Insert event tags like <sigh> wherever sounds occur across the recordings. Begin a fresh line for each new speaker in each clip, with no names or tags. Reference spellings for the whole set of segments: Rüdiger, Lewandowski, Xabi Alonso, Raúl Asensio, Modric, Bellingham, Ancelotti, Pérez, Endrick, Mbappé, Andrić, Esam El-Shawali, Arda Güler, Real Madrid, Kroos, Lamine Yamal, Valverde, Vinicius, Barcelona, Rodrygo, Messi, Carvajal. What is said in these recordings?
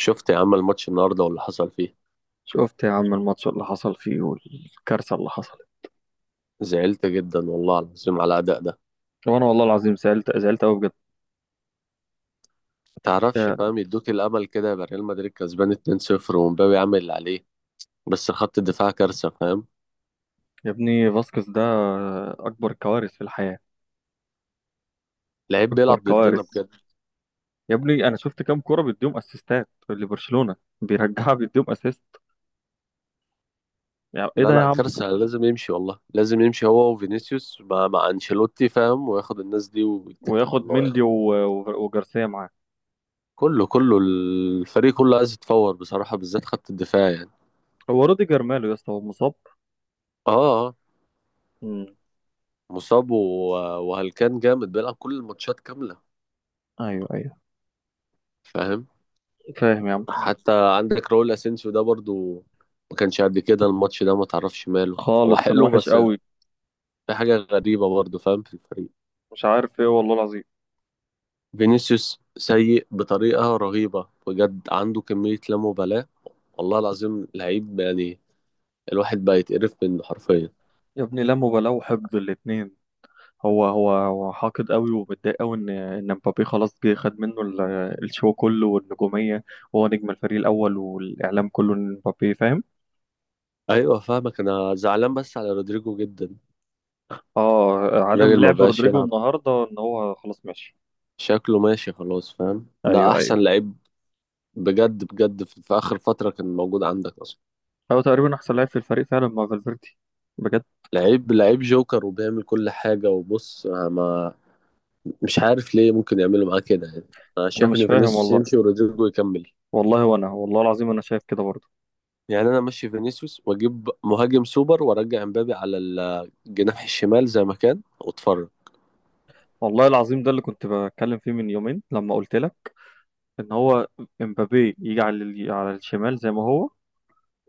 شفت يا عم الماتش النهارده واللي حصل فيه.
شفت يا عم الماتش اللي حصل فيه والكارثة اللي حصلت.
زعلت جدا والله العظيم على الاداء ده.
وانا والله العظيم زعلت زعلت قوي بجد.
تعرفش
يا
فاهم، يدوك الامل كده، يبقى ريال مدريد كسبان 2-0 ومبابي عامل اللي عليه، بس خط الدفاع كارثه فاهم.
يا ابني فاسكس ده اكبر كوارث في الحياة،
لعيب بيلعب
اكبر
ضدنا
كوارث.
بجد.
يا ابني انا شفت كام كرة بيديهم اسيستات لبرشلونة بيرجعها بيديهم اسيست. يعني ايه
لا
ده يا
لا،
عم؟
كارثه، لازم يمشي والله، لازم يمشي هو وفينيسيوس مع انشيلوتي فاهم، وياخد الناس دي ويتكل على
وياخد
الله
مندي
يعني.
وجارسيا معاه.
كله الفريق كله عايز يتفور بصراحه، بالذات خط الدفاع يعني.
هو روديجر ماله يا اسطى؟ هو مصاب.
اه. آه.
امم
مصاب وهلكان جامد بيلعب كل الماتشات كامله
ايوه ايوه.
فاهم.
فاهم يا عم،
حتى عندك راؤول اسينسيو ده برضو، ما كانش قد كده الماتش ده، ما تعرفش ماله. هو
خالص كان
حلو،
وحش
بس
قوي.
في حاجة غريبة برضو فاهم في الفريق.
مش عارف ايه والله العظيم.
فينيسيوس سيء بطريقة رهيبة بجد، عنده كمية لا مبالاة، والله العظيم لعيب يعني، الواحد بقى يتقرف منه حرفيا.
يا ابني لا مبالاة وحقد الاتنين. هو حاقد قوي ومتضايق قوي ان مبابي خلاص جه خد منه الشو كله والنجوميه. وهو نجم الفريق الاول والاعلام كله ان مبابي، فاهم.
ايوه فاهمك، انا زعلان بس على رودريجو جدا.
اه، عدم
الراجل ما
لعب
بقاش
رودريجو
يلعب،
النهارده ان هو خلاص ماشي.
شكله ماشي خلاص فاهم، ده
ايوه ايوه.
احسن لعيب بجد بجد في اخر فترة كان موجود عندك اصلا.
هو تقريبا احسن لاعب في الفريق فعلا مع فالفيردي، بجد.
لعيب لعيب جوكر وبيعمل كل حاجة، وبص، أنا ما مش عارف ليه ممكن يعملوا معاه كده يعني. أنا
انا
شايف
مش
إن
فاهم
فينيسيوس
والله.
يمشي ورودريجو يكمل.
والله وانا والله العظيم انا شايف كده برضه.
يعني أنا أمشي فينيسيوس وأجيب مهاجم سوبر وأرجع إمبابي على الجناح الشمال زي ما كان وأتفرج.
والله العظيم ده اللي كنت بتكلم فيه من يومين لما قلت لك ان هو امبابي يجي على على الشمال زي ما هو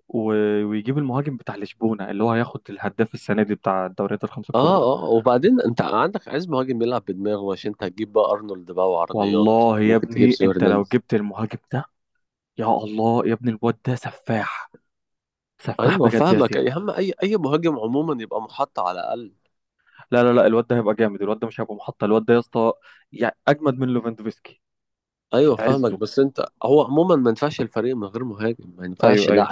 ويجيب المهاجم بتاع لشبونة اللي هو هياخد الهداف السنة دي بتاع الدوريات الخمسة
آه
الكبرى ده.
آه، وبعدين أنت عندك، عايز مهاجم يلعب بدماغه، عشان أنت هتجيب بقى أرنولد بقى وعرضيات،
والله يا
ممكن تجيب
ابني
سيو
انت لو
هرنانديز.
جبت المهاجم ده، يا الله يا ابني الواد ده سفاح، سفاح
أيوه
بجد يا
فاهمك
زياد.
يا عم، أي مهاجم عموما يبقى محط على الأقل.
لا لا لا، الواد ده هيبقى جامد، الواد ده مش هيبقى محطة، الواد ده يا اسطى يعني اجمد من ليفاندوفسكي
ايوه
في
فاهمك،
عزه.
بس انت هو عموما ما ينفعش الفريق من غير مهاجم، ما ينفعش
ايوه
لا.
ايوه.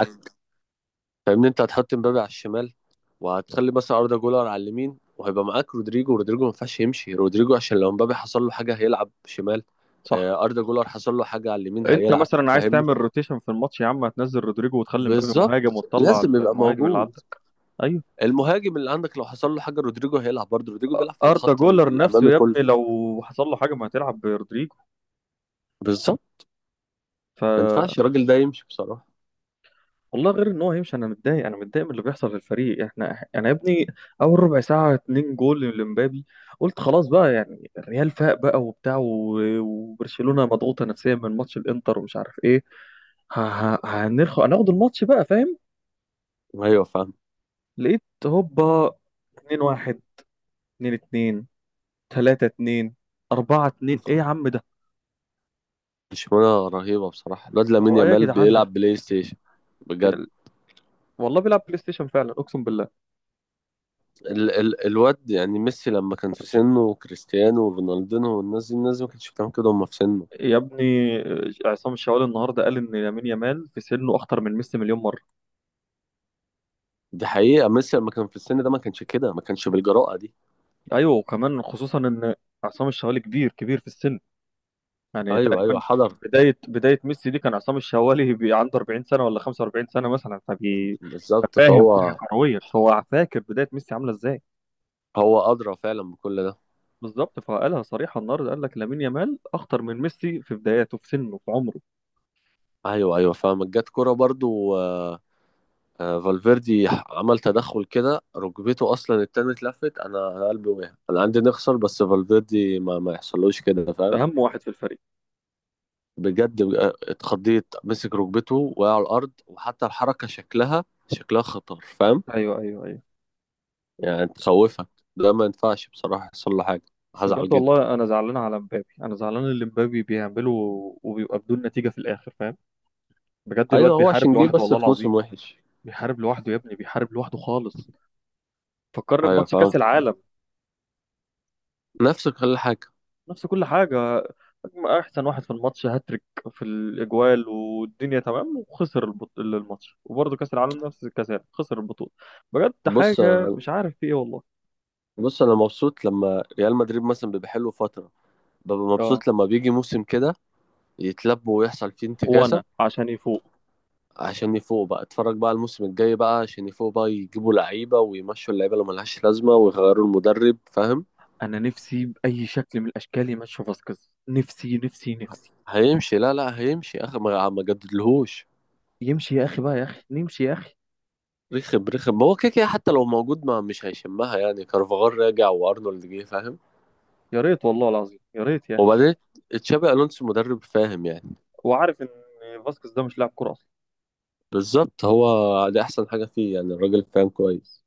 فاهمني، انت هتحط مبابي على الشمال، وهتخلي مثلا اردا جولر على اليمين، وهيبقى معاك رودريجو. رودريجو ما ينفعش يمشي، رودريجو عشان لو مبابي حصل له حاجه هيلعب شمال.
صح.
آه، اردا جولر حصل له حاجه على اليمين
انت
هيلعب،
مثلا عايز
فاهمني.
تعمل روتيشن في الماتش يا عم، هتنزل رودريجو وتخلي مبابي مهاجم
بالظبط،
وتطلع
لازم يبقى
المهاجم اللي
موجود
عندك. ايوه.
المهاجم اللي عندك، لو حصل له حاجه رودريجو هيلعب، برضه رودريجو بيلعب في
اردا
الخط
جولر
الامامي
نفسه يا
كله.
ابني لو حصل له حاجه ما هتلعب برودريجو.
بالظبط،
ف،
ما ينفعش الراجل ده يمشي بصراحه.
والله غير ان هو هيمشي، انا متضايق انا متضايق من اللي بيحصل في الفريق. احنا انا يا ابني اول ربع ساعه اتنين جول لمبابي، قلت خلاص بقى. يعني الريال فاق بقى وبتاع وبرشلونه مضغوطه نفسيا من ماتش الانتر ومش عارف ايه. ه- ه- هنرخ هناخد الماتش بقى، فاهم.
ايوه فاهم.
لقيت هوبا 2-1، 2-2، 3-2، 4-2. ايه يا عم ده؟
برشلونه رهيبه بصراحه، الواد لامين
هو ايه يا
يامال
جدعان
بيلعب
ده؟
بلاي ستيشن بجد.
والله بيلعب بلاي ستيشن فعلا، اقسم بالله.
ال الواد يعني، ميسي لما كان في سنه وكريستيانو ورونالدينو والناس دي، الناس دي ما كانتش بتعمل كده وهم في سنه.
يا ابني عصام الشوالي النهارده قال ان لامين يامال في سنه اخطر من ميسي مليون مره.
دي حقيقة يعني، ميسي لما كان في السن ده ما كانش كده، ما كانش بالجراءة دي.
ايوه، وكمان خصوصا ان عصام الشوالي كبير كبير في السن، يعني
ايوه ايوه،
تقريبا
حضر
بدايه ميسي دي كان عصام الشوالي <laughs> عنده 40 سنه ولا 45 سنه مثلا، فبي
بالظبط،
ففاهم وعي
فهو
كرويا، فهو فاكر بدايه ميسي عامله ازاي.
هو أدرى فعلا بكل ده.
بالظبط، فقالها صريحه النهارده، قال لك لامين يامال اخطر من ميسي في بداياته في سنه في عمره.
ايوه ايوه فاهمك. جت كورة برضو آه، آه، فالفيردي عمل تدخل كده ركبته، اصلا التاني اتلفت، أنا قلبي وقع، انا عندي نخسر بس فالفيردي ما يحصلوش كده فاهم.
اهم واحد في الفريق.
بجد بقى اتخضيت، مسك ركبته، وقع على الارض، وحتى الحركه شكلها خطر فاهم،
ايوه ايوه.
يعني تخوفك. ده ما ينفعش بصراحه يحصل له حاجه،
بس
هزعل
بجد
جدا.
والله انا زعلان على مبابي، انا زعلان اللي مبابي بيعمله وبيبقى بدون نتيجة في الاخر، فاهم. بجد الواد
ايوه هو
بيحارب
عشان جه
لوحده
بس
والله
في موسم
العظيم.
وحش.
بيحارب لوحده يا ابني، بيحارب لوحده خالص. فكرني
ايوه
بماتش
فاهم،
كاس العالم
نفسك كل حاجه.
نفس كل حاجة. احسن واحد في الماتش، هاتريك في الاجوال والدنيا تمام، وخسر الماتش، وبرضه كاس العالم نفس الكاس، خسر البطولة. بجد
بص
حاجة مش عارف في ايه والله.
بص انا مبسوط لما ريال مدريد مثلا بيبقى حلو فتره، ببقى
اه،
مبسوط لما بيجي موسم كده يتلبوا ويحصل فيه انتكاسه،
وانا عشان يفوق.
عشان يفوقوا بقى. اتفرج بقى الموسم الجاي بقى، عشان يفوقوا بقى يجيبوا لعيبه ويمشوا اللعيبه اللي ملهاش لازمه ويغيروا المدرب فاهم.
انا نفسي باي شكل من الاشكال يمشي فاسكيز، نفسي نفسي نفسي
هيمشي، لا لا هيمشي اخر، ما جددلهوش.
يمشي يا اخي بقى، يا اخي نمشي يا اخي.
رخم ما هو كده حتى لو موجود ما مش هيشمها يعني، كارفاغال راجع وارنولد جه فاهم.
يا ريت والله العظيم يا ريت يا اخي.
وبعدين تشابي الونسو مدرب فاهم يعني.
وعارف ان فاسكيز ده مش لاعب كوره اصلا.
بالظبط، هو دي احسن حاجه فيه يعني، الراجل فاهم كويس.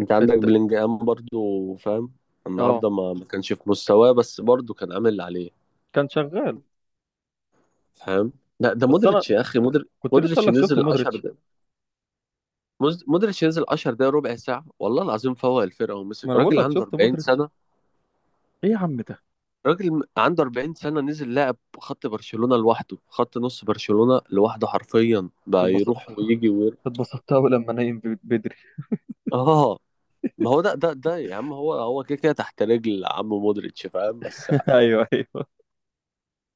انت عندك
الت...
بلينجهام برضو فاهم،
اه،
النهارده ما كانش في مستواه، بس برضو كان عامل اللي عليه
كان شغال.
فاهم. لا ده
بس انا
مودريتش يا اخي،
كنت لسه
مودريتش
اقول لك شفت
نزل 10
مودريتش.
دقايق، مودريتش نزل 10 دقايق ربع ساعه والله العظيم، فوق الفرقه ومسك
ما انا بقول
راجل
لك
عنده
شفت
40
مودريتش.
سنه.
ايه يا عم ده؟
راجل عنده 40 سنة، نزل لعب خط برشلونة لوحده، خط نص برشلونة لوحده حرفيا، بقى
اتبسط...
يروح ويجي وير...
اتبسطت قوي لما نايم بدري.
اه، ما هو ده ده يا عم، هو كده كده تحت رجل عم مودريتش فاهم. بس
<laughs> ايوه ايوه.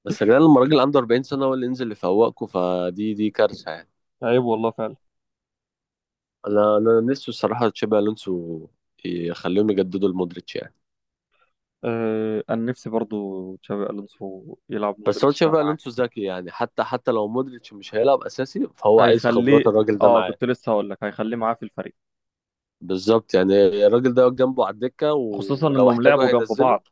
يا جدعان، لما راجل عنده 40 سنة هو اللي ينزل يفوقكوا، فدي دي كارثة يعني.
عيب والله فعلا.
انا نفسي الصراحة تشابي الونسو يخليهم يجددوا لمودريتش يعني.
آه انا نفسي برضو تشابي الونسو يلعب
بس هو
مودريتش ده
تشابي
معاه.
الونسو ذكي يعني، حتى لو مودريتش مش هيلعب اساسي، فهو عايز خبرات
هيخليه.
الراجل ده
اه
معاه.
كنت لسه هقول لك هيخليه معاه في الفريق.
بالظبط يعني، الراجل ده واقف جنبه على الدكة،
خصوصا
ولو
انهم
احتاجه
لعبوا جنب
هينزله.
بعض.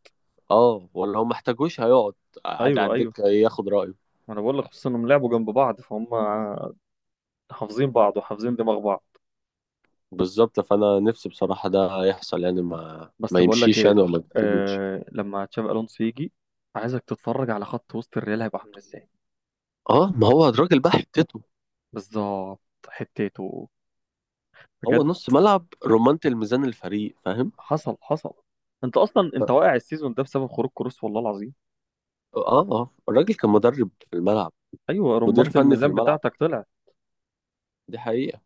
اه، ولو ما احتاجوش هيقعد قاعد على
ايوه ايوه،
الدكة ياخد رأيه.
ما انا بقول لك خصوصا انهم لعبوا جنب بعض فهم حافظين بعض وحافظين دماغ بعض.
بالظبط، فأنا نفسي بصراحة ده يحصل يعني، ما
بس بقول لك
يمشيش
ايه،
يعني، ولا ما يبتدوش.
آه لما تشافي الونسو يجي عايزك تتفرج على خط وسط الريال هيبقى عامل ازاي.
اه، ما هو الراجل بقى حتته،
بالظبط، حتته
هو
بجد.
نص ملعب، رمانة الميزان الفريق فاهم.
حصل حصل. انت اصلا انت
ف-
واقع السيزون ده بسبب خروج كروس والله العظيم.
اه اه الراجل كان مدرب في الملعب،
ايوه،
مدير
رمانة
فني في
الميزان
الملعب،
بتاعتك طلعت.
دي حقيقة.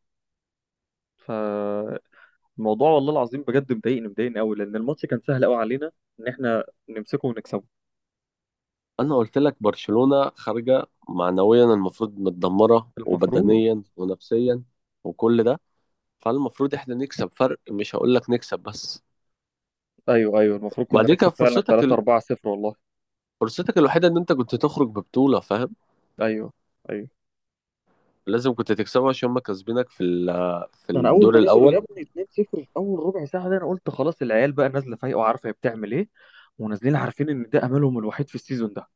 فالموضوع والله العظيم بجد مضايقني مضايقني قوي لان الماتش كان سهل قوي علينا ان احنا نمسكه ونكسبه.
أنا قلت لك برشلونة خارجة معنويا، المفروض متدمرة
المفروض.
وبدنيا ونفسيا وكل ده، فالمفروض احنا نكسب فرق، مش هقول لك نكسب بس.
ايوه ايوه، المفروض كنا
وبعدين كان
نكسب فعلا 3 4 0 والله.
فرصتك الوحيده ان انت كنت تخرج ببطوله فاهم،
ايوه ايوه.
لازم كنت تكسبه عشان هم كاسبينك في
ده انا اول
الدور
ما نزلوا
الاول.
يا ابني 2-0 في اول ربع ساعه ده انا قلت خلاص، العيال بقى نازله فايقه وعارفه هي بتعمل ايه، ونازلين عارفين ان ده املهم الوحيد في السيزون ده.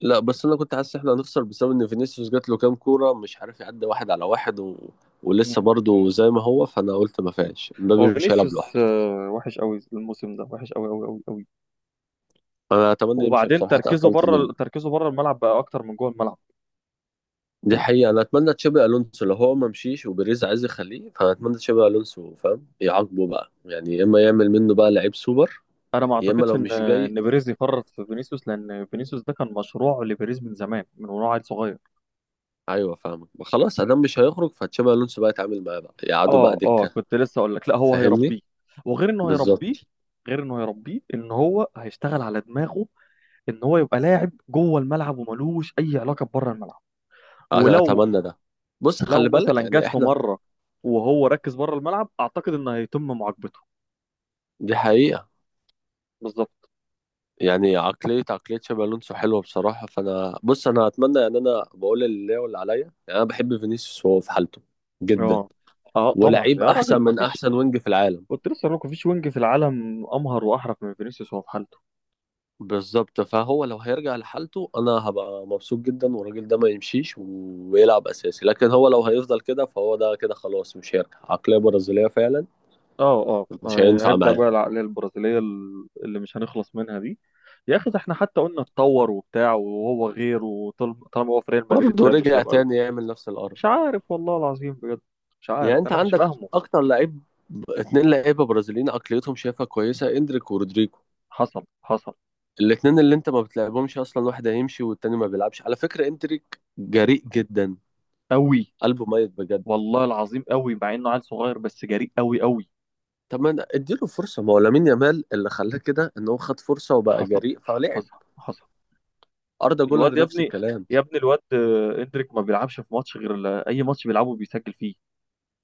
لا بس انا كنت حاسس احنا هنخسر، بسبب ان فينيسيوس جات له كام كوره مش عارف يعدي واحد على واحد و... ولسه
مم.
برضه زي ما هو، فانا قلت ما فيهاش، مبابي
هو
مش هيلعب
فينيسيوس
لوحده.
وحش قوي الموسم ده، وحش قوي قوي قوي قوي.
انا اتمنى يمشي
وبعدين
بصراحه،
تركيزه
اتقفلت منه.
بره، تركيزه بره الملعب بقى اكتر من جوه الملعب.
دي حقيقه، انا اتمنى تشابي الونسو، لو هو ما مشيش وبيريز عايز يخليه، فاتمنى تشابي الونسو فاهم يعاقبه بقى يعني، يا اما يعمل منه بقى لعيب سوبر،
انا ما
يا اما
اعتقدش
لو
ان
مش جاي.
ان بيريز يفرط في فينيسيوس، لان فينيسيوس ده كان مشروع لبيريز من زمان، من وهو عيل صغير.
ايوه فاهمك خلاص، ادام مش هيخرج فتشابي الونسو بقى يتعامل معاه، بقى يقعدوا بقى
اه اه
دكه،
كنت لسه اقول لك، لا هو
فاهمني.
هيربيه. وغير انه هيربيه،
بالظبط،
غير انه هيربيه ان هو هيشتغل على دماغه، ان هو يبقى لاعب جوه الملعب وملوش اي علاقه بره الملعب.
انا
ولو
اتمنى ده. بص
لو
خلي بالك
مثلا
يعني،
جات له
احنا
مره وهو ركز بره الملعب اعتقد ان هيتم معاقبته.
دي حقيقه،
بالظبط.
يعني عقليه تشابي الونسو حلوه بصراحه، فانا بص انا اتمنى يعني، انا بقول اللي ليا واللي عليا. يعني انا بحب فينيسيوس وهو في حالته جدا،
اه اه طبعا
ولعيب
يا راجل
احسن
ما
من
فيش.
احسن وينج في العالم.
قلت لسه ما فيش وينج في العالم امهر واحرف من فينيسيوس وهو في حالته.
بالظبط، فهو لو هيرجع لحالته انا هبقى مبسوط جدا، والراجل ده ما يمشيش ويلعب اساسي. لكن هو لو هيفضل كده فهو ده كده خلاص مش هيرجع، عقلية برازيلية فعلا،
اه اه
مش
هي-
هينفع
هيبدا
معاه،
بقى العقليه البرازيليه اللي مش هنخلص منها دي. يا اخي ده احنا حتى قلنا اتطور وبتاع وهو غير، وطالما هو في ريال مدريد
برضه
ده مش
رجع
هيبقى
تاني يعمل نفس القرف.
مش عارف والله العظيم بجد. مش
يعني
عارف
انت
انا مش
عندك
فاهمه.
اكتر لعيب، اتنين لعيبة برازيليين عقليتهم شايفها كويسة، اندريك ورودريجو،
حصل حصل.
الاتنين اللي انت ما بتلعبهمش اصلا، واحد هيمشي والتاني ما بيلعبش. على فكرة اندريك جريء جدا،
قوي
قلبه ميت بجد.
والله العظيم قوي مع انه عيل صغير بس جريء قوي قوي.
طب ما اديله فرصه، ما هو لامين يامال اللي خلاه كده ان هو خد فرصه وبقى
حصل
جريء فلعب،
حصل حصل.
اردا جولر
الواد يا
نفس
ابني،
الكلام.
يا ابني الواد اندريك ما بيلعبش في ماتش غير اي ماتش بيلعبه بيسجل فيه.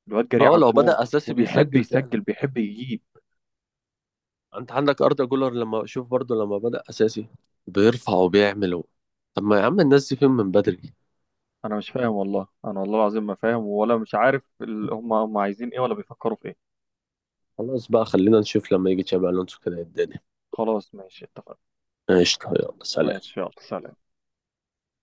الواد جريء
اه
على
لو
الجون
بدأ اساسي
وبيحب
بيسجل فعلا.
يسجل بيحب يجيب.
انت عندك اردا جولر لما شوف برضو لما بدأ اساسي بيرفع وبيعمل طب ما يا عم الناس دي فين من بدري؟
انا مش فاهم والله، انا والله العظيم ما فاهم ولا مش عارف هم هم عايزين ايه ولا بيفكروا في ايه.
خلاص بقى، خلينا نشوف لما يجي تشابي الونسو كده الدنيا.
خلاص ماشي اتفقنا.
قشطه يلا سلام.
ماشي يلا سلام.